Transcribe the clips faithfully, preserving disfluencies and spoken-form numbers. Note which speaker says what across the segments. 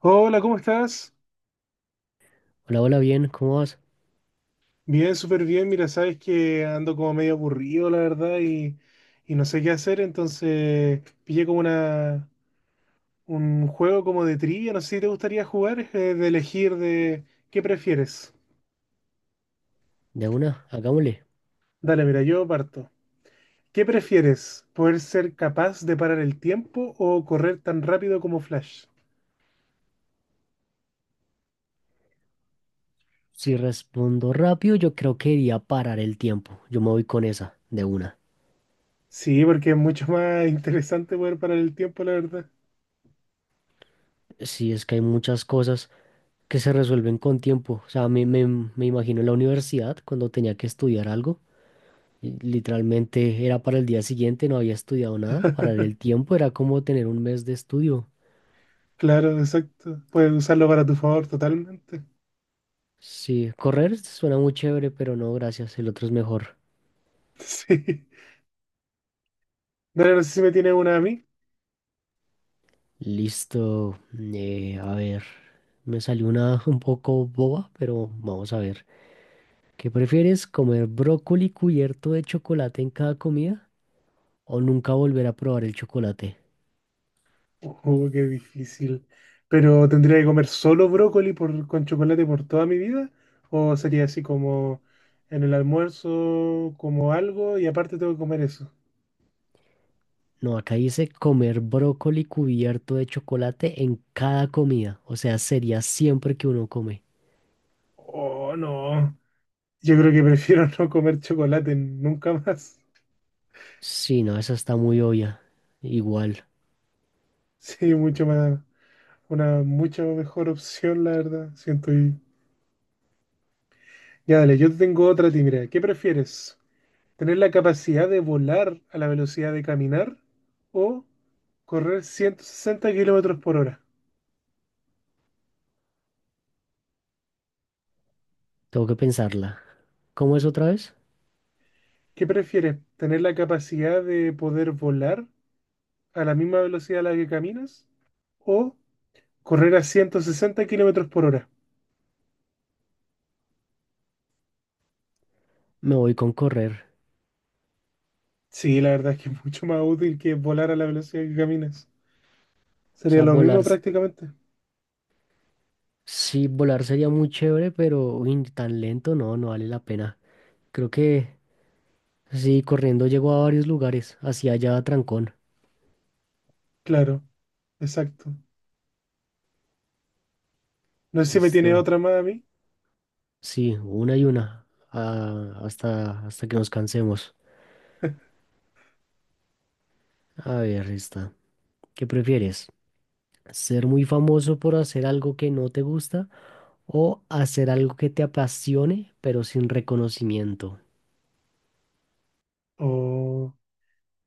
Speaker 1: Hola, ¿cómo estás?
Speaker 2: Hola, hola, bien, ¿cómo vas?
Speaker 1: Bien, súper bien. Mira, sabes que ando como medio aburrido, la verdad, y, y no sé qué hacer, entonces pillé como una, un juego como de trivia, no sé si te gustaría jugar, eh, de elegir de qué prefieres.
Speaker 2: De una, hagámosle.
Speaker 1: Dale, mira, yo parto. ¿Qué prefieres? ¿Poder ser capaz de parar el tiempo o correr tan rápido como Flash?
Speaker 2: Si respondo rápido, yo creo que iría parar el tiempo. Yo me voy con esa, de una.
Speaker 1: Sí, porque es mucho más interesante poder parar el tiempo, la verdad.
Speaker 2: Sí, es que hay muchas cosas que se resuelven con tiempo. O sea, me, me, me imagino en la universidad cuando tenía que estudiar algo. Y Literalmente era para el día siguiente, no había estudiado nada. Parar el tiempo era como tener un mes de estudio.
Speaker 1: Claro, exacto. Puedes usarlo para tu favor totalmente.
Speaker 2: Sí, correr suena muy chévere, pero no, gracias, el otro es mejor.
Speaker 1: Sí. Dale, no sé si me tienes una a mí.
Speaker 2: Listo. Eh, a ver, me salió una un poco boba, pero vamos a ver. ¿Qué prefieres, comer brócoli cubierto de chocolate en cada comida o nunca volver a probar el chocolate?
Speaker 1: Oh, qué difícil. Pero ¿tendría que comer solo brócoli por, con chocolate por toda mi vida? ¿O sería así como en el almuerzo, como algo y aparte tengo que comer eso?
Speaker 2: No, acá dice comer brócoli cubierto de chocolate en cada comida. O sea, sería siempre que uno come.
Speaker 1: Oh, no. Yo creo que prefiero no comer chocolate nunca más.
Speaker 2: Sí, no, esa está muy obvia. Igual,
Speaker 1: Sí, mucho más. Una mucha mejor opción, la verdad. Siento y... Ya, dale, yo te tengo otra a ti, mira. ¿Qué prefieres? Tener la capacidad de volar a la velocidad de caminar o correr ciento sesenta kilómetros por hora.
Speaker 2: tengo que pensarla. ¿Cómo es otra vez?
Speaker 1: ¿Qué prefieres? ¿Tener la capacidad de poder volar a la misma velocidad a la que caminas o correr a ciento sesenta kilómetros por hora?
Speaker 2: Me voy con correr.
Speaker 1: Sí, la verdad es que es mucho más útil que volar a la velocidad que caminas.
Speaker 2: O
Speaker 1: Sería
Speaker 2: sea,
Speaker 1: lo
Speaker 2: volar.
Speaker 1: mismo prácticamente.
Speaker 2: Sí, volar sería muy chévere, pero uy, tan lento no, no vale la pena. Creo que sí, corriendo llego a varios lugares, hacia allá a Trancón.
Speaker 1: Claro, exacto. No sé si me tiene
Speaker 2: Listo.
Speaker 1: otra más a mí.
Speaker 2: Sí, una y una, ah, hasta, hasta que nos cansemos. A ver, esta. ¿Qué prefieres? ¿Ser muy famoso por hacer algo que no te gusta o hacer algo que te apasione, pero sin reconocimiento?
Speaker 1: O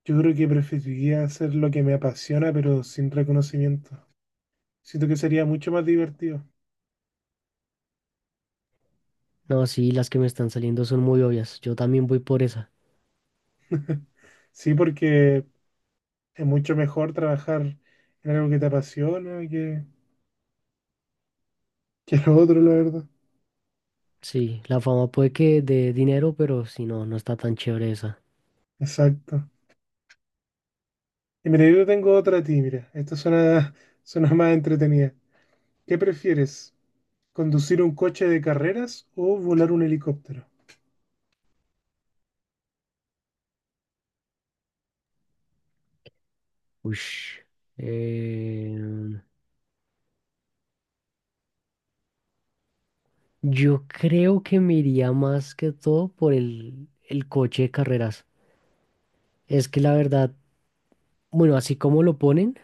Speaker 1: yo creo que preferiría hacer lo que me apasiona, pero sin reconocimiento. Siento que sería mucho más divertido.
Speaker 2: No, sí, las que me están saliendo son muy obvias. Yo también voy por esa.
Speaker 1: Sí, porque es mucho mejor trabajar en algo que te apasiona que, que lo otro, la verdad.
Speaker 2: Sí, la fama puede que dé dinero, pero si no, no está tan chévere esa.
Speaker 1: Exacto. Y mira, yo tengo otra a ti, mira. Esta suena, suena más entretenida. ¿Qué prefieres? ¿Conducir un coche de carreras o volar un helicóptero?
Speaker 2: Ush. Eh, yo creo que me iría más que todo por el, el coche de carreras. Es que la verdad, bueno, así como lo ponen,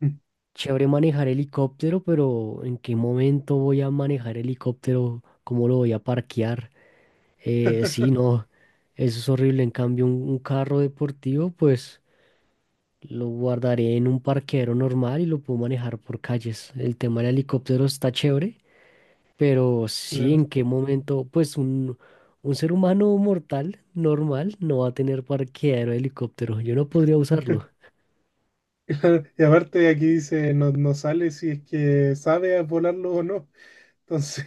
Speaker 1: Mm.
Speaker 2: chévere manejar helicóptero, pero ¿en qué momento voy a manejar helicóptero? ¿Cómo lo voy a parquear? Eh, sí, no, eso es horrible. En cambio, un un carro deportivo, pues. Lo guardaré en un parqueadero normal y lo puedo manejar por calles. El tema del helicóptero está chévere, pero sí,
Speaker 1: Claro.
Speaker 2: en qué momento, pues un, un ser humano mortal normal no va a tener parqueadero de helicóptero. Yo no podría usarlo.
Speaker 1: Claro, y aparte aquí dice, no, no sale si es que sabes volarlo o no. Entonces,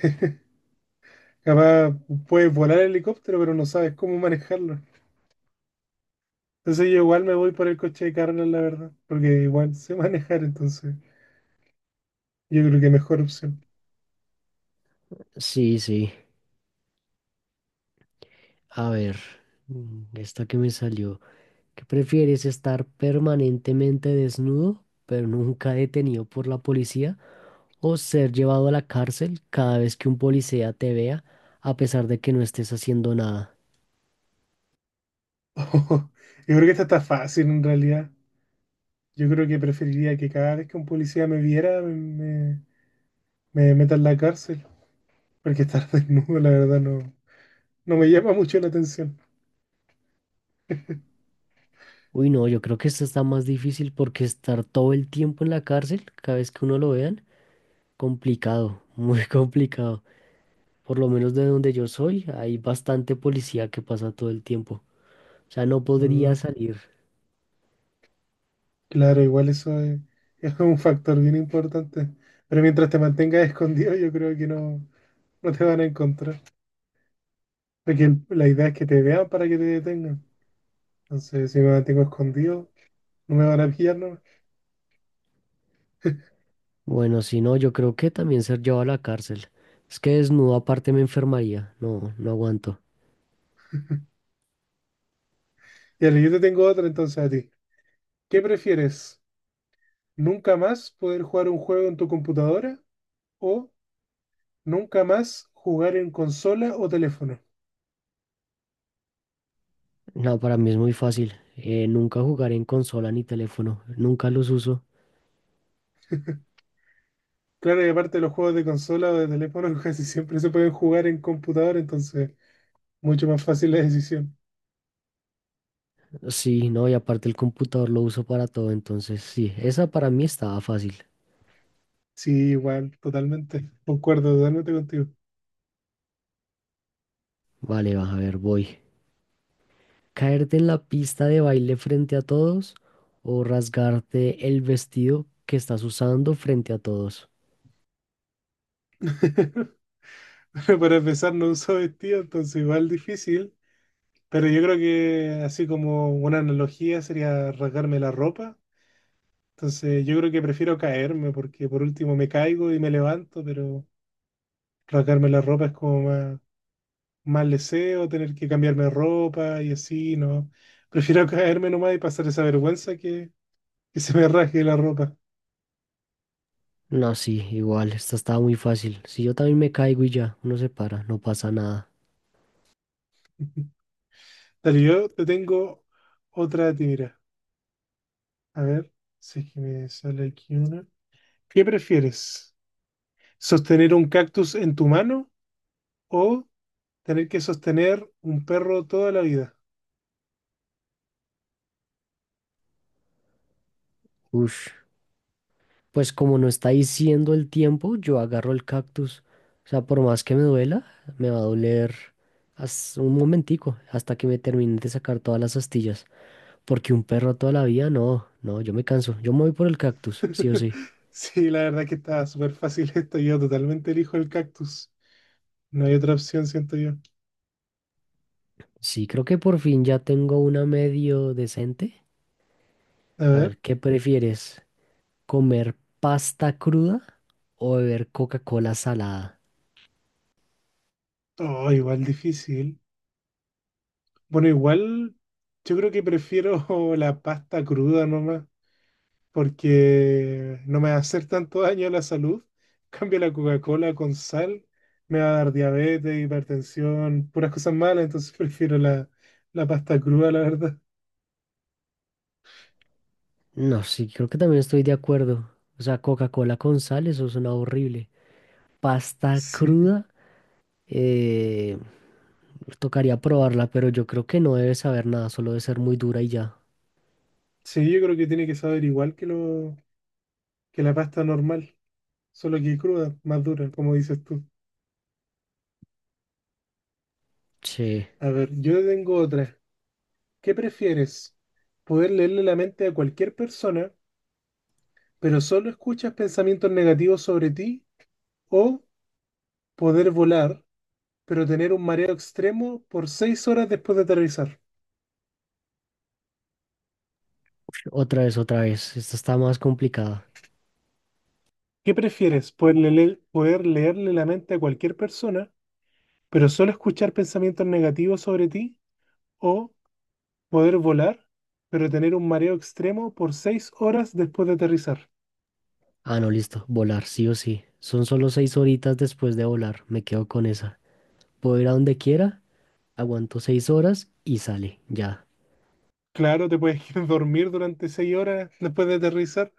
Speaker 1: capaz puedes volar el helicóptero, pero no sabes cómo manejarlo. Entonces yo igual me voy por el coche de carreras, la verdad, porque igual sé manejar, entonces yo creo que mejor opción.
Speaker 2: Sí, sí. A ver, mm, esta que me salió. ¿Qué prefieres, estar permanentemente desnudo, pero nunca detenido por la policía, o ser llevado a la cárcel cada vez que un policía te vea, a pesar de que no estés haciendo nada?
Speaker 1: Yo creo que esta está fácil en realidad. Yo creo que preferiría que cada vez que un policía me viera me, me, me meta en la cárcel, porque estar desnudo, la verdad, no, no me llama mucho la atención.
Speaker 2: Uy, no, yo creo que esto está más difícil porque estar todo el tiempo en la cárcel, cada vez que uno lo vean, complicado, muy complicado. Por lo menos de donde yo soy, hay bastante policía que pasa todo el tiempo. O sea, no podría
Speaker 1: Mm,
Speaker 2: salir.
Speaker 1: claro, igual eso es, es un factor bien importante, pero mientras te mantengas escondido, yo creo que no, no te van a encontrar, porque el- la idea es que te vean para que te detengan. Entonces, si me mantengo escondido... No me van a pillar, ¿no?
Speaker 2: Bueno, si no, yo creo que también ser llevado a la cárcel. Es que desnudo aparte me enfermaría. No, no aguanto.
Speaker 1: Y yo te tengo otra entonces a ti. ¿Qué prefieres? ¿Nunca más poder jugar un juego en tu computadora o nunca más jugar en consola o teléfono?
Speaker 2: No, para mí es muy fácil. Eh, nunca jugaré en consola ni teléfono. Nunca los uso.
Speaker 1: Claro, y aparte los juegos de consola o de teléfono casi siempre se pueden jugar en computadora, entonces mucho más fácil la decisión.
Speaker 2: Sí, no, y aparte el computador lo uso para todo. Entonces, sí, esa para mí estaba fácil.
Speaker 1: Sí, igual, totalmente. Concuerdo totalmente contigo.
Speaker 2: Vale, vas a ver, voy. ¿Caerte en la pista de baile frente a todos o rasgarte el vestido que estás usando frente a todos?
Speaker 1: Pero para empezar, no uso vestido, entonces igual difícil. Pero yo creo que así como una analogía sería rasgarme la ropa. Entonces yo creo que prefiero caerme porque por último me caigo y me levanto, pero rasgarme la ropa es como más, más leseo, tener que cambiarme de ropa y así, ¿no? Prefiero caerme nomás y pasar esa vergüenza que, que se me rasgue la ropa.
Speaker 2: No, sí, igual, esta estaba muy fácil. Si yo también me caigo y ya, uno se para, no pasa nada.
Speaker 1: Dale, yo te tengo otra de ti, mira. A ver, si es que me sale aquí una. ¿Qué prefieres? ¿Sostener un cactus en tu mano o tener que sostener un perro toda la vida?
Speaker 2: Ush, pues como no está diciendo el tiempo, yo agarro el cactus. O sea, por más que me duela, me va a doler hasta un momentico, hasta que me termine de sacar todas las astillas. Porque un perro toda la vida, no, no, yo me canso. Yo me voy por el cactus, sí o sí.
Speaker 1: Sí, la verdad que está súper fácil esto. Yo totalmente elijo el cactus. No hay otra opción, siento yo.
Speaker 2: Sí, creo que por fin ya tengo una medio decente.
Speaker 1: A
Speaker 2: A
Speaker 1: ver.
Speaker 2: ver, ¿qué prefieres? ¿Comer pasta cruda o beber Coca-Cola salada?
Speaker 1: Oh, igual difícil. Bueno, igual yo creo que prefiero la pasta cruda nomás, porque no me va a hacer tanto daño a la salud. En cambio, la Coca-Cola con sal me va a dar diabetes, hipertensión, puras cosas malas, entonces prefiero la, la pasta cruda, la verdad.
Speaker 2: No, sí, creo que también estoy de acuerdo. O sea, Coca-Cola con sal, eso suena horrible. Pasta
Speaker 1: Sí.
Speaker 2: cruda, eh, tocaría probarla, pero yo creo que no debe saber nada, solo debe ser muy dura y ya.
Speaker 1: Sí, yo creo que tiene que saber igual que lo, que la pasta normal. Solo que cruda, más dura, como dices tú.
Speaker 2: Sí,
Speaker 1: A ver, yo tengo otra. ¿Qué prefieres? ¿Poder leerle la mente a cualquier persona, pero solo escuchas pensamientos negativos sobre ti? ¿O poder volar, pero tener un mareo extremo por seis horas después de aterrizar?
Speaker 2: otra vez, otra vez. Esta está más complicada.
Speaker 1: ¿Qué prefieres? ¿Poder leer, poder leerle la mente a cualquier persona, pero solo escuchar pensamientos negativos sobre ti? ¿O poder volar, pero tener un mareo extremo por seis horas después de aterrizar?
Speaker 2: Ah, no, listo. Volar, sí o sí. Son solo seis horitas después de volar. Me quedo con esa. Puedo ir a donde quiera, aguanto seis horas y sale. Ya.
Speaker 1: Claro, te puedes ir a dormir durante seis horas después de aterrizar.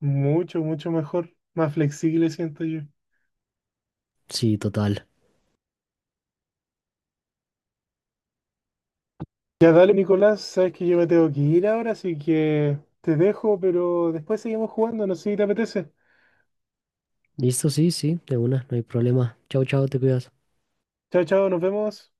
Speaker 1: Mucho, mucho mejor. Más flexible siento yo.
Speaker 2: Sí, total.
Speaker 1: Ya dale, Nicolás, sabes que yo me tengo que ir ahora, así que te dejo, pero después seguimos jugando, no sé si te apetece.
Speaker 2: Listo, sí, sí, de una, no hay problema. Chao, chao, te cuidas.
Speaker 1: Chao, chao, nos vemos.